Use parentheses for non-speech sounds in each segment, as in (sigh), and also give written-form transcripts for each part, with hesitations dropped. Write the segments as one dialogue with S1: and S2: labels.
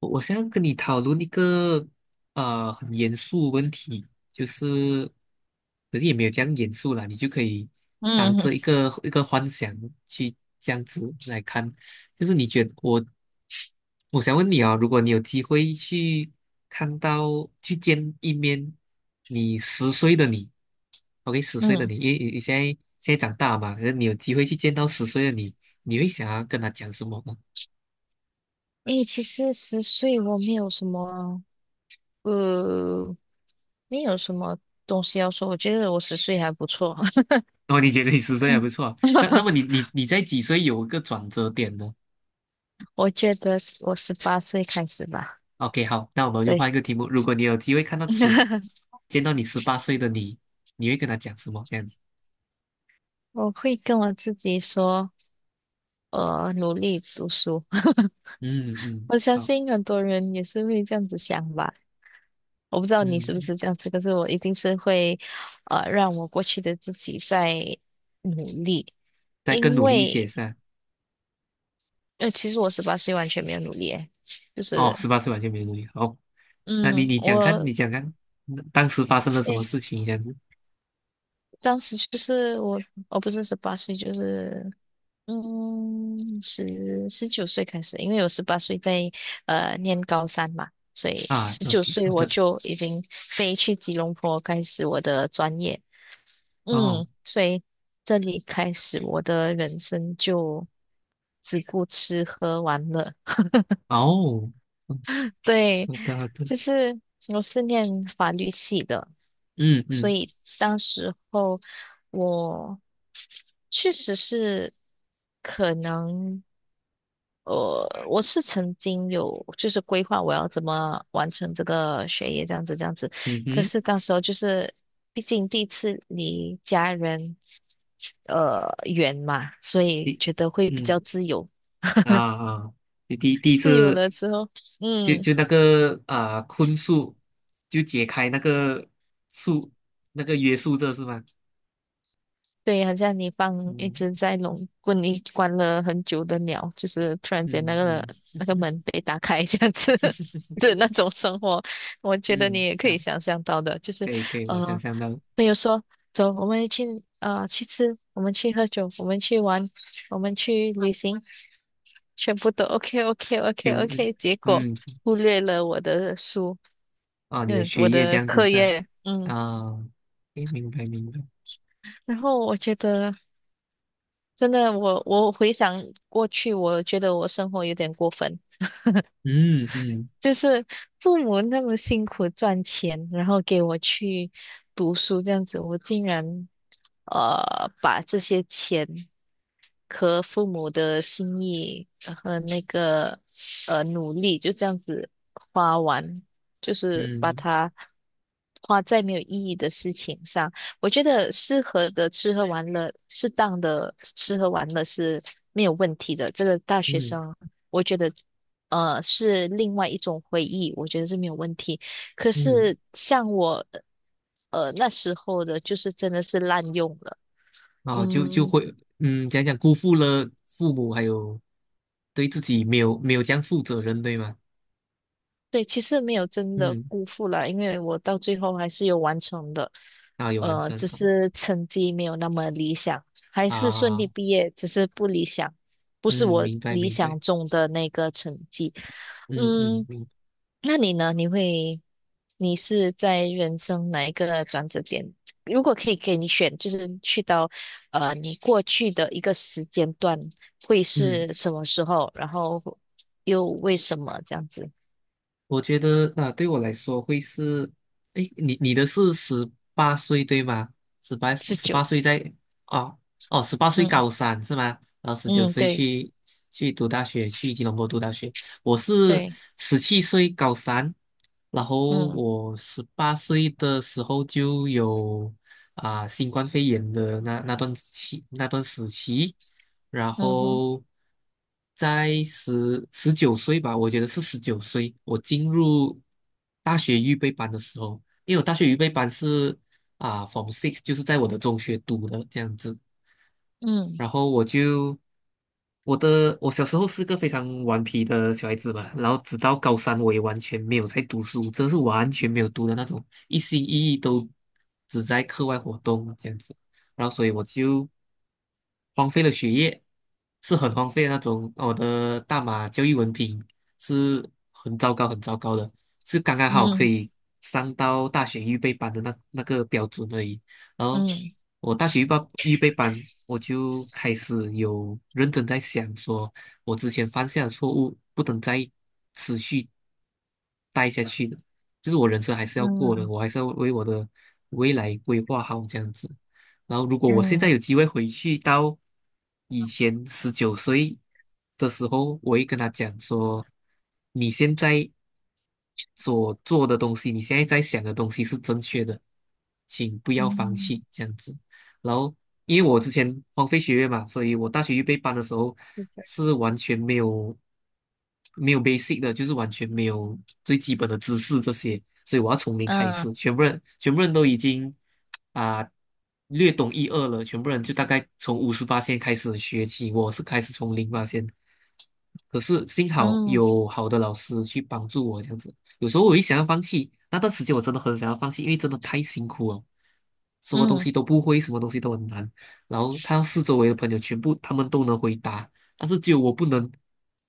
S1: 我想要跟你讨论一个很严肃的问题，就是，可是也没有这样严肃啦，你就可以当
S2: 嗯
S1: 这一个幻想去这样子来看，就是你觉得我，我想问你啊，如果你有机会去去见一面你十岁的你，OK，十岁的
S2: 嗯，
S1: 你，因为你现在长大嘛，可是你有机会去见到十岁的你，你会想要跟他讲什么呢？
S2: 诶，其实十岁我没有什么，呃，没有什么东西要说。我觉得我10岁还不错，
S1: 哦，你觉得你十
S2: (laughs)
S1: 岁还
S2: 嗯
S1: 不错啊那那
S2: (laughs)
S1: 么你在几岁有一个转折点呢
S2: 我觉得我18岁开始吧。
S1: ？OK，好，那我们就
S2: 对，
S1: 换一个题目。如果你有机会看到十，
S2: (laughs)
S1: 见到你十八岁的你，你会跟他讲什么？这样子，
S2: 我会跟我自己说，努力读书。(laughs)
S1: 嗯嗯，
S2: 我相
S1: 好，
S2: 信很多人也是会这样子想吧。我不知道你是不
S1: 嗯，
S2: 是这样子，可是我一定是会，让我过去的自己在努力。
S1: 再更
S2: 因
S1: 努力一些
S2: 为
S1: 是吧？
S2: 其实我十八岁完全没有努力，诶，就
S1: 哦，
S2: 是，
S1: 十八岁完全没努力。好，那你
S2: 嗯，
S1: 你讲看，你讲看，当时发生了什么
S2: 诶，
S1: 事情？这样子，
S2: 当时就是我不是十八岁，就是，嗯，十九岁开始，因为我十八岁在念高三嘛，所以
S1: 啊
S2: 十九
S1: ，OK，
S2: 岁
S1: 好
S2: 我
S1: 的，
S2: 就已经飞去吉隆坡开始我的专业，
S1: 哦
S2: 嗯，所以这里开始我的人生就只顾吃喝玩乐，
S1: 哦，嗯，
S2: 对，
S1: 好的好的，
S2: 就是我是念法律系的。
S1: 嗯
S2: 所
S1: 嗯，
S2: 以当时候我确实是可能，我是曾经有就是规划我要怎么完成这个学业这样子，
S1: 嗯
S2: 可
S1: 哼，
S2: 是当时候就是毕竟第1次离家人远嘛，所以
S1: 第
S2: 觉得会比
S1: 嗯
S2: 较自由，
S1: 啊啊，第第第一
S2: 自由
S1: 次。
S2: 了之后，
S1: 就
S2: 嗯。
S1: 就那个啊、坤数，就解开那个数那个约束这是吗？
S2: 对，好像你放一
S1: 嗯
S2: 只在笼棍里关了很久的鸟，就是突然间那
S1: 嗯
S2: 个
S1: 嗯
S2: 那个门被打开这样子 (laughs) 的那种
S1: (laughs)
S2: 生活，我觉得你
S1: 嗯，
S2: 也可
S1: 啊，
S2: 以想象到的，就
S1: 可
S2: 是
S1: 以可以，我想
S2: 呃，
S1: 象到。
S2: 朋友说走，我们去去吃，我们去喝酒，我们去玩，我们去旅行，全部都 OK OK OK
S1: 全部，
S2: OK，结果
S1: 嗯，
S2: 忽略了我的书，
S1: 哦，你的
S2: 嗯，
S1: 学
S2: 我
S1: 业这
S2: 的
S1: 样子
S2: 课
S1: 噻，
S2: 业，嗯。
S1: 啊，诶，明白明白，
S2: 然后我觉得，真的，我回想过去，我觉得我生活有点过分。
S1: 嗯嗯
S2: 就是父母那么辛苦赚钱，然后给我去读书这样子，我竟然把这些钱和父母的心意和那个努力就这样子花完，就是把
S1: 嗯
S2: 它花在没有意义的事情上。我觉得适合的吃喝玩乐，适当的吃喝玩乐是没有问题的，这个大学
S1: 嗯
S2: 生我觉得是另外一种回忆，我觉得是没有问题。可
S1: 嗯，
S2: 是像我那时候的，就是真的是滥用了，
S1: 啊，就
S2: 嗯，
S1: 会，嗯，讲讲辜负了父母，还有对自己没有没有这样负责任，对吗？
S2: 对，其实没有真的
S1: 嗯，
S2: 辜负了，因为我到最后还是有完成的，
S1: 啊，有完成，
S2: 只
S1: 好
S2: 是成绩没有那么理想，还是顺
S1: 啊。
S2: 利毕业，只是不理想，不是
S1: 嗯，
S2: 我
S1: 明白
S2: 理
S1: 明白，
S2: 想中的那个成绩，
S1: 嗯嗯，
S2: 嗯，那你呢？你会？你是在人生哪一个转折点？如果可以给你选，就是去到你过去的一个时间段，会
S1: 嗯，
S2: 是什么时候？然后又为什么这样子
S1: 我觉得啊，对我来说会是，哎，你的是十八岁对吗？十八
S2: 持
S1: 十八
S2: 久？
S1: 岁在哦哦，十八岁
S2: 嗯
S1: 高三是吗？然后十九
S2: 嗯，
S1: 岁
S2: 对
S1: 去读大学，去吉隆坡读大学。我是
S2: 对，
S1: 17岁高三，然后
S2: 嗯
S1: 我十八岁的时候就有新冠肺炎的那段时期。然
S2: 嗯哼，
S1: 后在十九岁吧，我觉得是十九岁，我进入大学预备班的时候，因为我大学预备班是f r o m Six，就是在我的中学读的这样子，然
S2: 嗯
S1: 后我就我的我小时候是个非常顽皮的小孩子嘛，然后直到高三我也完全没有在读书，真的是完全没有读的那种，一心一意都只在课外活动这样子，然后所以我就荒废了学业，是很荒废的那种。我的大马教育文凭是很糟糕很糟糕的，是刚刚好可
S2: 嗯
S1: 以上到大学预备班的那个标准而已。然后
S2: 嗯
S1: 我大学预备班，我就开始有认真在想说，我之前犯下的错误不能再持续待下去的，就是我人生还是要过的，
S2: 嗯
S1: 我还是要为我的未来规划好这样子。然后，如果我现在
S2: 嗯
S1: 有机会回去到以前十九岁的时候，我会跟他讲说，你现在所做的东西，你现在在想的东西是正确的，请不要放
S2: 嗯，
S1: 弃这样子。然后，因为我之前荒废学业嘛，所以我大学预备班的时候
S2: 是的
S1: 是完全没有 basic 的，就是完全没有最基本的知识这些，所以我要从零开
S2: 嗯
S1: 始。全部人都已经啊、略懂一二了，全部人就大概从58线开始学起，我是开始从08线。可是幸好
S2: 嗯
S1: 有好的老师去帮助我，这样子。有时候我一想要放弃，那段时间我真的很想要放弃，因为真的太辛苦了，什么东
S2: 嗯，
S1: 西都不会，什么东西都很难。然后看到四周围的朋友全部他们都能回答，但是只有我不能，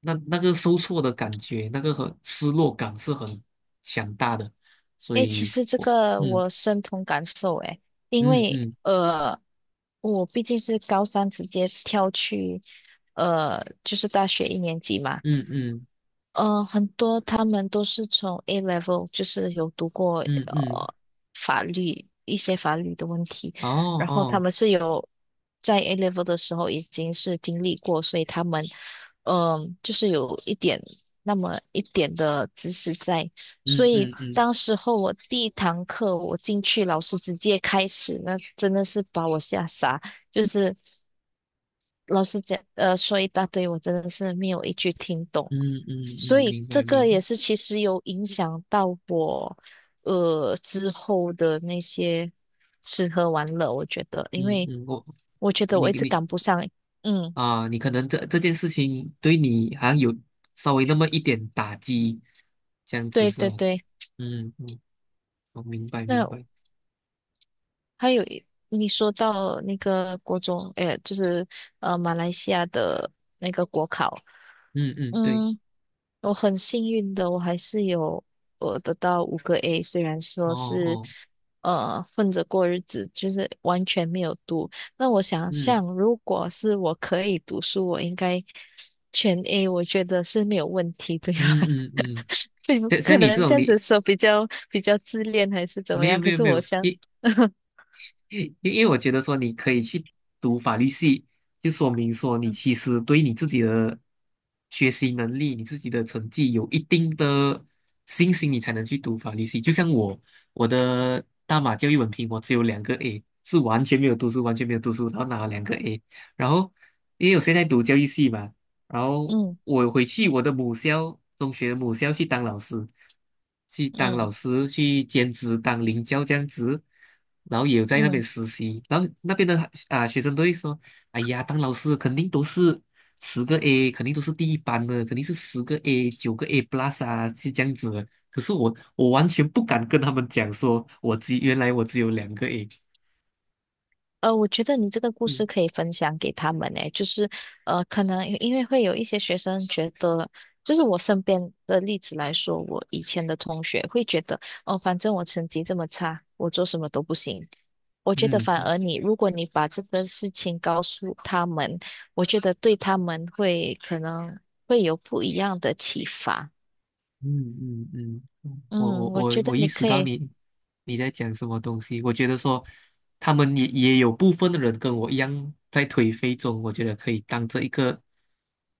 S1: 那个受挫的感觉，那个很失落感是很强大的。所
S2: 诶，其
S1: 以，
S2: 实这个
S1: 嗯
S2: 我深同感受，诶，因
S1: 嗯
S2: 为
S1: 嗯
S2: 我毕竟是高三直接跳去。就是大学一年级嘛，
S1: 嗯嗯
S2: 呃，很多他们都是从 A level，就是有读过
S1: 嗯嗯，
S2: 法律一些法律的问题，
S1: 哦
S2: 然后他
S1: 哦，
S2: 们是有在 A level 的时候已经是经历过，所以他们嗯、就是有1点那么1点的知识在，所
S1: 嗯
S2: 以
S1: 嗯嗯
S2: 当时候我第1堂课我进去，老师直接开始，那真的是把我吓傻。就是老师讲，说一大堆，我真的是没有1句听懂。
S1: 嗯嗯嗯，嗯，
S2: 所以
S1: 明
S2: 这
S1: 白明
S2: 个
S1: 白。
S2: 也是其实有影响到我，之后的那些吃喝玩乐，我觉得，因
S1: 嗯
S2: 为
S1: 嗯，
S2: 我觉得我
S1: 你
S2: 一直
S1: 你
S2: 赶不上。嗯，
S1: 你可能这件事情对你好像有稍微那么一点打击，这样子
S2: 对
S1: 是
S2: 对
S1: 吧？
S2: 对。
S1: 嗯嗯，我明白明
S2: 那
S1: 白，
S2: 还有一你说到那个国中，哎，就是马来西亚的那个国考，
S1: 嗯嗯，对，
S2: 嗯。我很幸运的，我还是有我得到5个A，虽然
S1: 哦
S2: 说是
S1: 哦，
S2: 混着过日子，就是完全没有读。那我想
S1: 嗯
S2: 象，如果是我可以读书，我应该全 A，我觉得是没有问题，对吧？
S1: 嗯嗯嗯，
S2: (laughs) 对，
S1: 像
S2: 可
S1: 像你这
S2: 能这
S1: 种
S2: 样子
S1: 你，
S2: 说比较自恋还是怎么
S1: 没有
S2: 样，可
S1: 没有
S2: 是
S1: 没
S2: 我
S1: 有，
S2: 想，
S1: 因
S2: (laughs)
S1: 因因为我觉得说你可以去读法律系，就说明说你
S2: 嗯
S1: 其实对你自己的学习能力、你自己的成绩有一定的信心，你才能去读法律系。就像我，我的大马教育文凭我只有两个 A，是完全没有读书，完全没有读书，然后拿了两个 A。然后因为我现在读教育系嘛，然后
S2: 嗯
S1: 我回去我的母校，中学的母校去当老师，去当
S2: 嗯
S1: 老师，去兼职当领教这样子，然后也有在那边
S2: 嗯。
S1: 实习，然后那边的学生都会说，哎呀，当老师肯定都是十个 A，肯定都是第一班的，肯定是十个 A、9个 A plus 啊，是这样子的。可是我完全不敢跟他们讲说，原来我只有两个 A，
S2: 我觉得你这个故事
S1: 嗯
S2: 可以分享给他们诶，就是可能因为会有一些学生觉得，就是我身边的例子来说，我以前的同学会觉得，哦，反正我成绩这么差，我做什么都不行。我觉得反
S1: 嗯。
S2: 而你，如果你把这个事情告诉他们，我觉得对他们会可能会有不一样的启发。
S1: 嗯嗯嗯，我
S2: 嗯，
S1: 我
S2: 我
S1: 我
S2: 觉得
S1: 我意
S2: 你
S1: 识
S2: 可
S1: 到
S2: 以，
S1: 你在讲什么东西。我觉得说，他们也有部分的人跟我一样在颓废中，我觉得可以当这一个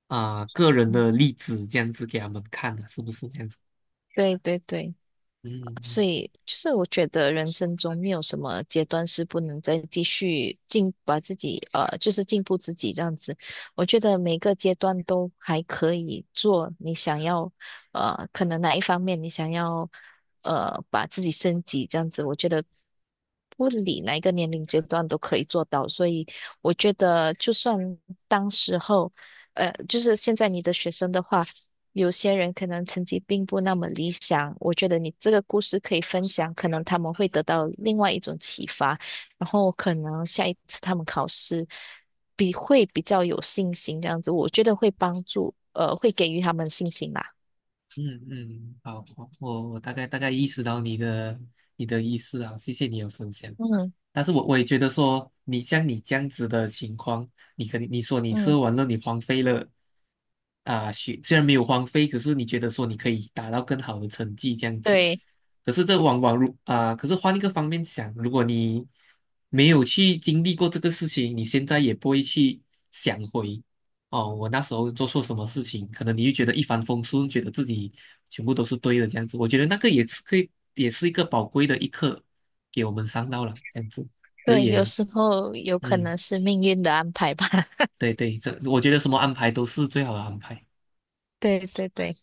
S1: 个人
S2: 嗯，
S1: 的例子，这样子给他们看的，是不是这样子？
S2: 对对对。
S1: 嗯
S2: 所
S1: 嗯
S2: 以就是我觉得人生中没有什么阶段是不能再继续进，把自己就是进步自己这样子。我觉得每个阶段都还可以做你想要可能哪一方面你想要把自己升级这样子，我觉得不理哪一个年龄阶段都可以做到。所以我觉得就算当时候就是现在你的学生的话。有些人可能成绩并不那么理想，我觉得你这个故事可以分享，可能他们会得到另外一种启发，然后可能下1次他们考试比会比较有信心，这样子，我觉得会帮助，会给予他们信心啦。
S1: 嗯嗯，好，我大概大概意识到你的意思啊，谢谢你的分享。
S2: 嗯
S1: 但是我也觉得说，你像你这样子的情况，你肯定你说你
S2: 嗯，
S1: 射完了，你荒废了啊，虽然没有荒废，可是你觉得说你可以达到更好的成绩这样子，
S2: 对
S1: 可是这往往如啊、可是换一个方面想，如果你没有去经历过这个事情，你现在也不会去想回，哦，我那时候做错什么事情，可能你就觉得一帆风顺，觉得自己全部都是对的这样子。我觉得那个也是可以，也是一个宝贵的一课，给我们上到了这样子。可是
S2: 对，有
S1: 也，
S2: 时候有可
S1: 嗯，
S2: 能是命运的安排吧。(laughs)
S1: 对对，这我觉得什么安排都是最好的安排。
S2: 对对对，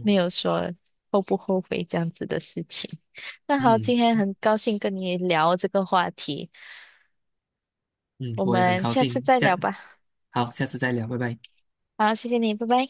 S2: 没有说后不后悔这样子的事情。那好，
S1: 嗯
S2: 今天很高兴跟你聊这个话题，
S1: 嗯，
S2: 我
S1: 我也很
S2: 们
S1: 高
S2: 下次
S1: 兴，
S2: 再聊吧。
S1: 好，下次再聊，拜拜。
S2: 好，谢谢你，拜拜。